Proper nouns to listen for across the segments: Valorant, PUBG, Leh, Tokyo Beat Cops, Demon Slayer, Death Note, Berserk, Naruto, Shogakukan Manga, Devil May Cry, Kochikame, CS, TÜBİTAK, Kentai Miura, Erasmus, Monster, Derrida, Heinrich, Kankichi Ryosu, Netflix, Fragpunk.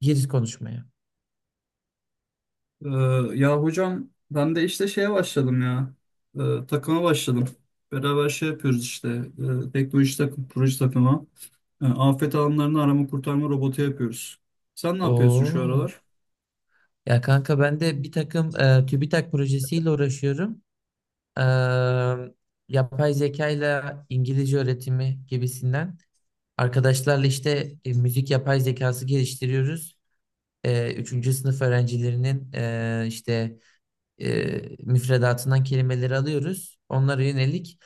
Gir konuşmaya. Ee, ya hocam ben de işte şeye başladım ya. Takıma başladım. Beraber şey yapıyoruz işte. Teknoloji takım, proje takımı. Afet alanlarını arama kurtarma robotu yapıyoruz. Sen ne yapıyorsun şu Oo. aralar? Ya kanka ben de bir takım TÜBİTAK projesiyle uğraşıyorum. E, Yapay zeka ile İngilizce öğretimi gibisinden. Arkadaşlarla işte müzik yapay zekası geliştiriyoruz. Üçüncü sınıf öğrencilerinin işte müfredatından kelimeleri alıyoruz. Onlara yönelik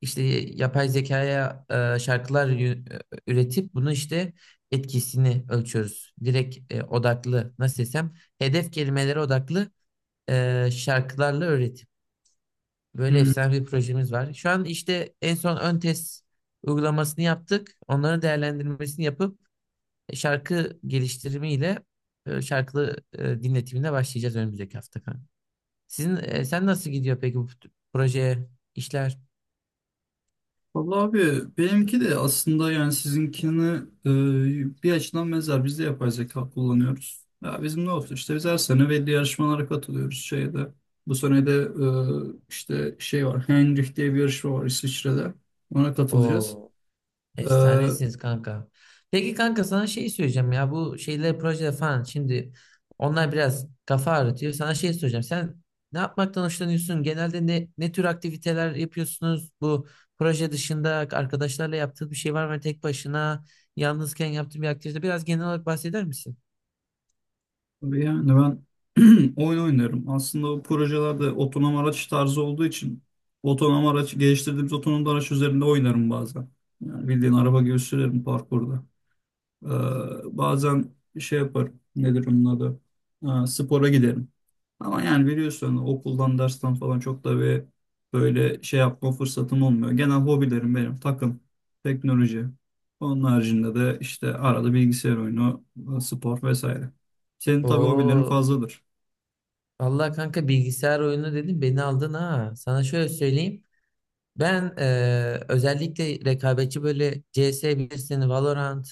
işte yapay zekaya şarkılar üretip bunu işte etkisini ölçüyoruz. Direkt odaklı nasıl desem hedef kelimelere odaklı şarkılarla öğretim. Böyle Hmm. efsane bir projemiz var. Şu an işte en son ön test uygulamasını yaptık. Onların değerlendirmesini yapıp şarkı geliştirimiyle şarkılı dinletimine başlayacağız önümüzdeki hafta. Sen nasıl gidiyor peki bu proje işler? Vallahi abi benimki de aslında yani sizinkini bir açıdan benzer. Biz de yapay zeka kullanıyoruz. Ya bizim ne olsun işte biz her sene belli yarışmalara katılıyoruz şeyde. Bu sene de işte şey var, Heinrich diye bir yarışma var İsviçre'de. Ona katılacağız. O Ee, efsanesiniz kanka. Peki kanka sana şey söyleyeceğim ya bu şeyler projeler falan şimdi onlar biraz kafa ağrıtıyor. Sana şey söyleyeceğim. Sen ne yapmaktan hoşlanıyorsun? Genelde ne tür aktiviteler yapıyorsunuz? Bu proje dışında arkadaşlarla yaptığın bir şey var mı? Hani tek başına yalnızken yaptığın bir aktivite biraz genel olarak bahseder misin? yani ben oyun oynarım. Aslında bu projelerde otonom araç tarzı olduğu için otonom araç geliştirdiğimiz otonom araç üzerinde oynarım bazen. Yani bildiğin araba gibi sürerim parkurda. Ee, bazen şey yapar. Nedir onun adı? Spora giderim. Ama yani biliyorsun okuldan, dersten falan çok da bir böyle şey yapma fırsatım olmuyor. Genel hobilerim benim takım, teknoloji. Onun haricinde de işte arada bilgisayar oyunu, spor vesaire. Senin tabii hobilerin Oo fazladır. Allah kanka bilgisayar oyunu dedim beni aldın ha. Sana şöyle söyleyeyim. Ben özellikle rekabetçi böyle CS bilirsin, Valorant,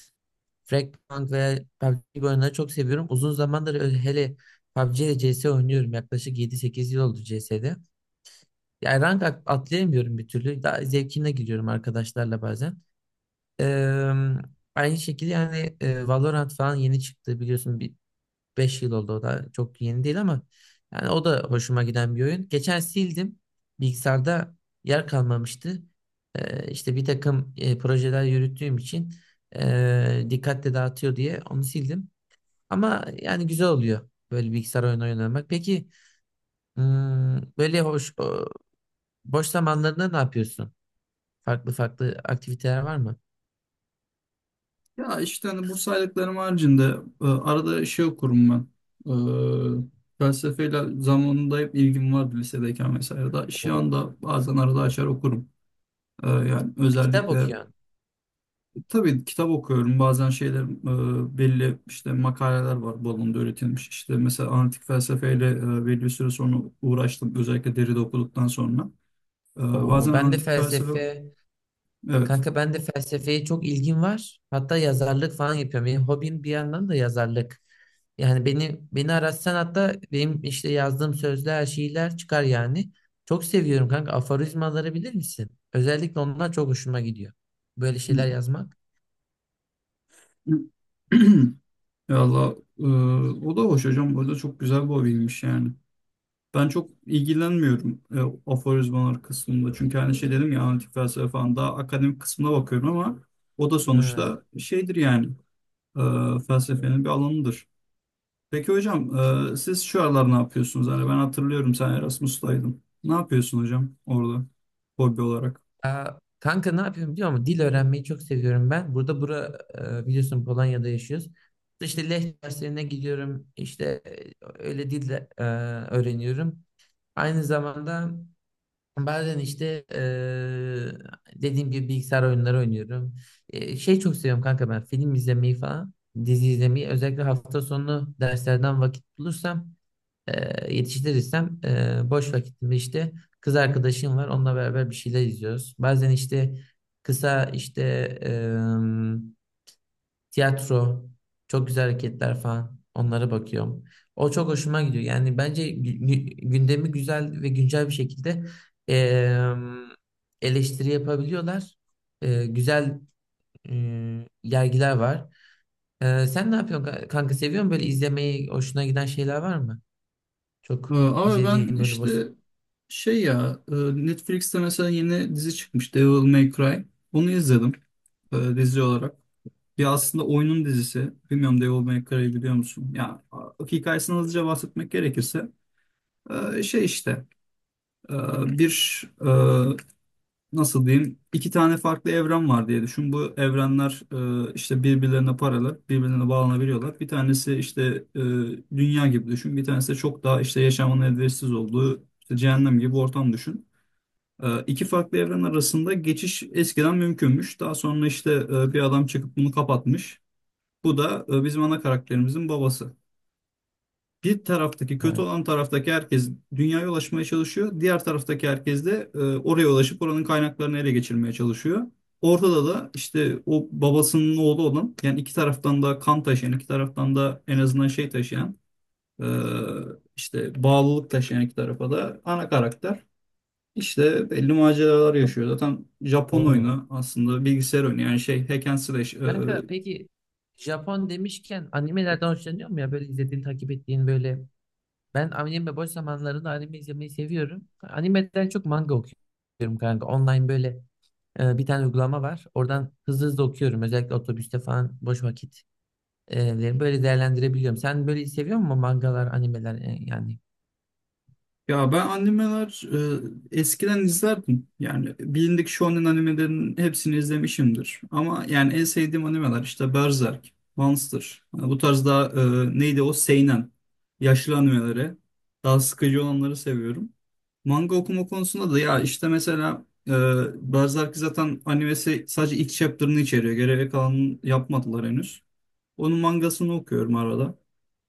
Fragpunk veya PUBG gibi oyunları çok seviyorum. Uzun zamandır hele PUBG ile CS oynuyorum. Yaklaşık yedi sekiz yıl oldu CS'de. Yani rank atlayamıyorum bir türlü. Daha zevkine gidiyorum arkadaşlarla bazen. Eee, aynı şekilde yani Valorant falan yeni çıktı biliyorsun. 5 yıl oldu o da çok yeni değil ama yani o da hoşuma giden bir oyun. Geçen sildim. Bilgisayarda yer kalmamıştı. İşte bir takım projeler yürüttüğüm için dikkatle dağıtıyor diye onu sildim. Ama yani güzel oluyor böyle bilgisayar oyunu oynamak. Peki böyle boş zamanlarında ne yapıyorsun? Farklı farklı aktiviteler var mı? Ya işte hani bu saydıklarım haricinde arada şey okurum ben. E, felsefeyle zamanında hep ilgim vardı lisedeyken vesaire. Da, şu Oo, anda bazen arada açar okurum. Yani kitap özellikle okuyorsun. tabii kitap okuyorum. Bazen şeyler belli işte makaleler var bu alanda üretilmiş. İşte mesela antik felsefeyle belli bir süre sonra uğraştım. Özellikle Derrida okuduktan sonra. E, Oo, bazen ben de antik felsefe, felsefe... evet. Kanka ben de felsefeye çok ilgim var. Hatta yazarlık falan yapıyorum. Benim hobim bir yandan da yazarlık. Yani beni aratsan hatta benim işte yazdığım sözler, şiirler çıkar yani. Çok seviyorum kanka. Aforizmaları bilir misin? Özellikle onlar çok hoşuma gidiyor. Böyle şeyler yazmak. Valla o da hoş hocam. Bu arada çok güzel bir hobiymiş yani. Ben çok ilgilenmiyorum aforizmalar kısmında. Çünkü hani şey dedim ya antik felsefe falan daha akademik kısmına bakıyorum ama o da Ha. sonuçta şeydir yani e, felsefenin bir alanıdır. Peki hocam siz şu aralar ne yapıyorsunuz? Hani ben hatırlıyorum sen Erasmus'taydın. Ne yapıyorsun hocam orada hobi olarak? Aa, kanka ne yapıyorum biliyor musun? Dil öğrenmeyi çok seviyorum ben. Burada biliyorsun Polonya'da yaşıyoruz. İşte Leh derslerine gidiyorum. İşte öyle dil de, öğreniyorum. Aynı zamanda bazen işte dediğim gibi bilgisayar oyunları oynuyorum. Şey çok seviyorum kanka ben film izlemeyi falan, dizi izlemeyi. Özellikle hafta sonu derslerden vakit bulursam, yetiştirirsem boş vakitimde işte kız arkadaşım var. Onunla beraber bir şeyler izliyoruz. Bazen işte kısa işte tiyatro, çok güzel hareketler falan. Onlara bakıyorum. O çok hoşuma gidiyor. Yani bence gündemi güzel ve güncel bir şekilde em, eleştiri yapabiliyorlar. Güzel yergiler var. Sen ne yapıyorsun kanka? Seviyor musun böyle izlemeyi? Hoşuna giden şeyler var mı? Çok Abi ben izlediğin böyle boş... işte şey ya Netflix'te mesela yeni dizi çıkmış, Devil May Cry. Bunu izledim dizi olarak. Ya aslında oyunun dizisi. Bilmiyorum, Devil May Cry'ı biliyor musun? Ya a- hikayesini hızlıca bahsetmek gerekirse şey işte e, bir e, nasıl diyeyim, iki tane farklı evren var diye düşün. Bu evrenler işte birbirlerine paralel, birbirlerine bağlanabiliyorlar. Bir tanesi işte e, dünya gibi düşün. Bir tanesi de çok daha işte yaşamın elverişsiz olduğu işte cehennem gibi ortam düşün. İki farklı evren arasında geçiş eskiden mümkünmüş. Daha sonra işte bir adam çıkıp bunu kapatmış. Bu da bizim ana karakterimizin babası. Bir taraftaki kötü Ha, olan taraftaki herkes dünyaya ulaşmaya çalışıyor. Diğer taraftaki herkes de oraya ulaşıp oranın kaynaklarını ele geçirmeye çalışıyor. Ortada da işte o babasının oğlu olan yani iki taraftan da kan taşıyan, iki taraftan da en azından şey taşıyan e, işte bağlılık taşıyan iki tarafa da ana karakter. İşte belli maceralar yaşıyor. Zaten Japon oo. oyunu, aslında bilgisayar oyunu yani şey, hack and slash. Kanka peki Japon demişken animelerden hoşlanıyor mu ya? Böyle izlediğin, takip ettiğin böyle... Ben anime boş zamanlarında anime izlemeyi seviyorum. Animeden çok manga okuyorum kanka. Online böyle bir tane uygulama var. Oradan hızlı hızlı okuyorum. Özellikle otobüste falan boş vakit böyle değerlendirebiliyorum. Sen böyle seviyor musun mangalar, animeler yani? Ya ben animeler eskiden izlerdim. Yani bilindik shonen animelerin hepsini izlemişimdir. Ama yani en sevdiğim animeler işte Berserk, Monster. Yani bu tarz daha neydi o, seinen. Yaşlı animeleri. Daha sıkıcı olanları seviyorum. Manga okuma konusunda da ya işte mesela Berserk zaten animesi sadece ilk chapter'ını içeriyor. Geriye kalanını yapmadılar henüz. Onun mangasını okuyorum arada.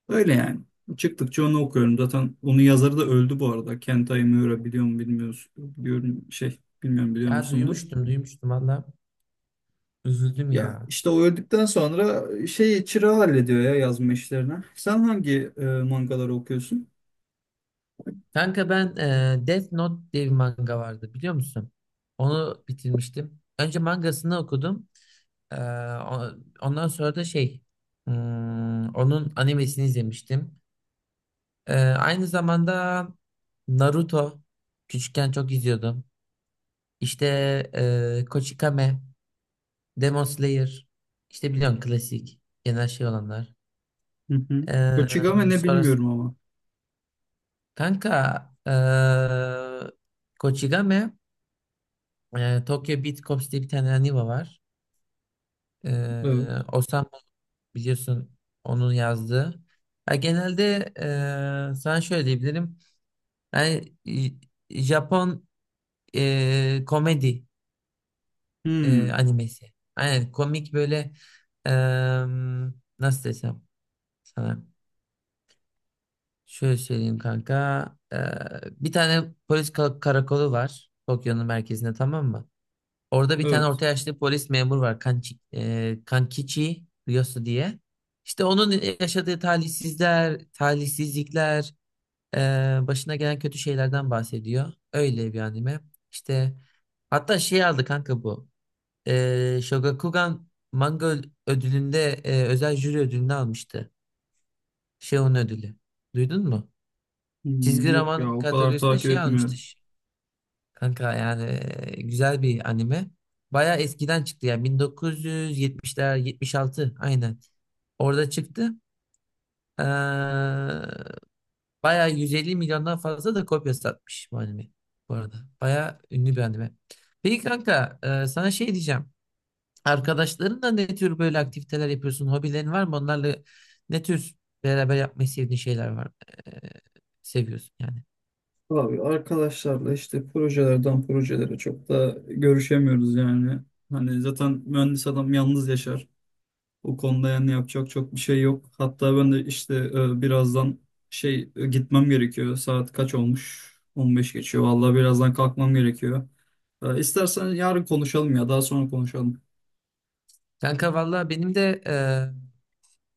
Öyle yani. Çıktıkça onu okuyorum. Zaten onun yazarı da öldü bu arada. Kentai Miura biliyor mu bilmiyoruz. Biliyorum şey, bilmiyorum, biliyor Ya musundur. duymuştum, duymuştum valla. Üzüldüm Ya ya. işte o öldükten sonra şey, çırağı hallediyor ya yazma işlerini. Sen hangi mangaları okuyorsun? Kanka ben Death Note diye bir manga vardı biliyor musun? Onu bitirmiştim. Önce mangasını okudum. Ee, o- ondan sonra da şey onun animesini izlemiştim. Aynı zamanda Naruto küçükken çok izliyordum. İşte Kochikame, Demon Slayer işte biliyorsun klasik genel şey olanlar. Hı hı. Kochigame Ee, ne sonra bilmiyorum ama. kanka Kochikame Tokyo Beat Cops diye bir tane anime var. Evet. Ee, biliyorsun onun yazdığı. Ya genelde sana şöyle diyebilirim. Yani Japon komedi Hmm, animesi. Aynen komik böyle eee, nasıl desem sana. Şöyle söyleyeyim kanka. Bir tane polis karakolu var Tokyo'nun merkezinde tamam mı? Orada bir tane evet. orta yaşlı polis memur var Kankichi Ryosu diye. İşte onun yaşadığı talihsizlikler, başına gelen kötü şeylerden bahsediyor. Öyle bir anime. İşte hatta şey aldı kanka bu. Shogakukan Manga ödülünde özel jüri ödülünü almıştı. Şey onun ödülü. Duydun mu? Hmm, Çizgi yok ya, roman o kadar kategorisinde takip şey almıştı. etmiyorum. Kanka yani güzel bir anime. Baya eskiden çıktı yani 1970'ler 76 aynen. Orada çıktı. Ee, Bayağı 150 milyondan fazla da kopya satmış bu anime bu arada. Bayağı ünlü bir anime. Peki kanka sana şey diyeceğim. Arkadaşlarınla ne tür böyle aktiviteler yapıyorsun? Hobilerin var mı? Onlarla ne tür beraber yapmayı sevdiğin şeyler var? E, Seviyorsun yani. Abi arkadaşlarla işte projelerden projelere çok da görüşemiyoruz yani. Hani zaten mühendis adam yalnız yaşar. O konuda yani yapacak çok bir şey yok. Hatta ben de işte birazdan şey gitmem gerekiyor. Saat kaç olmuş? 15 geçiyor. Vallahi birazdan kalkmam gerekiyor. İstersen yarın konuşalım ya daha sonra konuşalım. Kanka valla benim de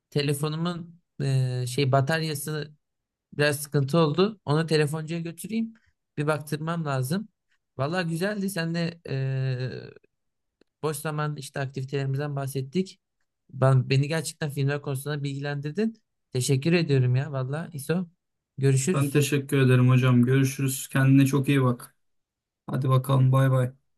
telefonumun şey bataryası biraz sıkıntı oldu. Onu telefoncuya götüreyim. Bir baktırmam lazım. Valla güzeldi. Sen de boş zaman işte aktivitelerimizden bahsettik. Beni gerçekten filmler konusunda bilgilendirdin. Teşekkür ediyorum ya valla İso. Ben Görüşürüz. teşekkür ederim hocam. Görüşürüz. Kendine çok iyi bak. Hadi bakalım, bay bay.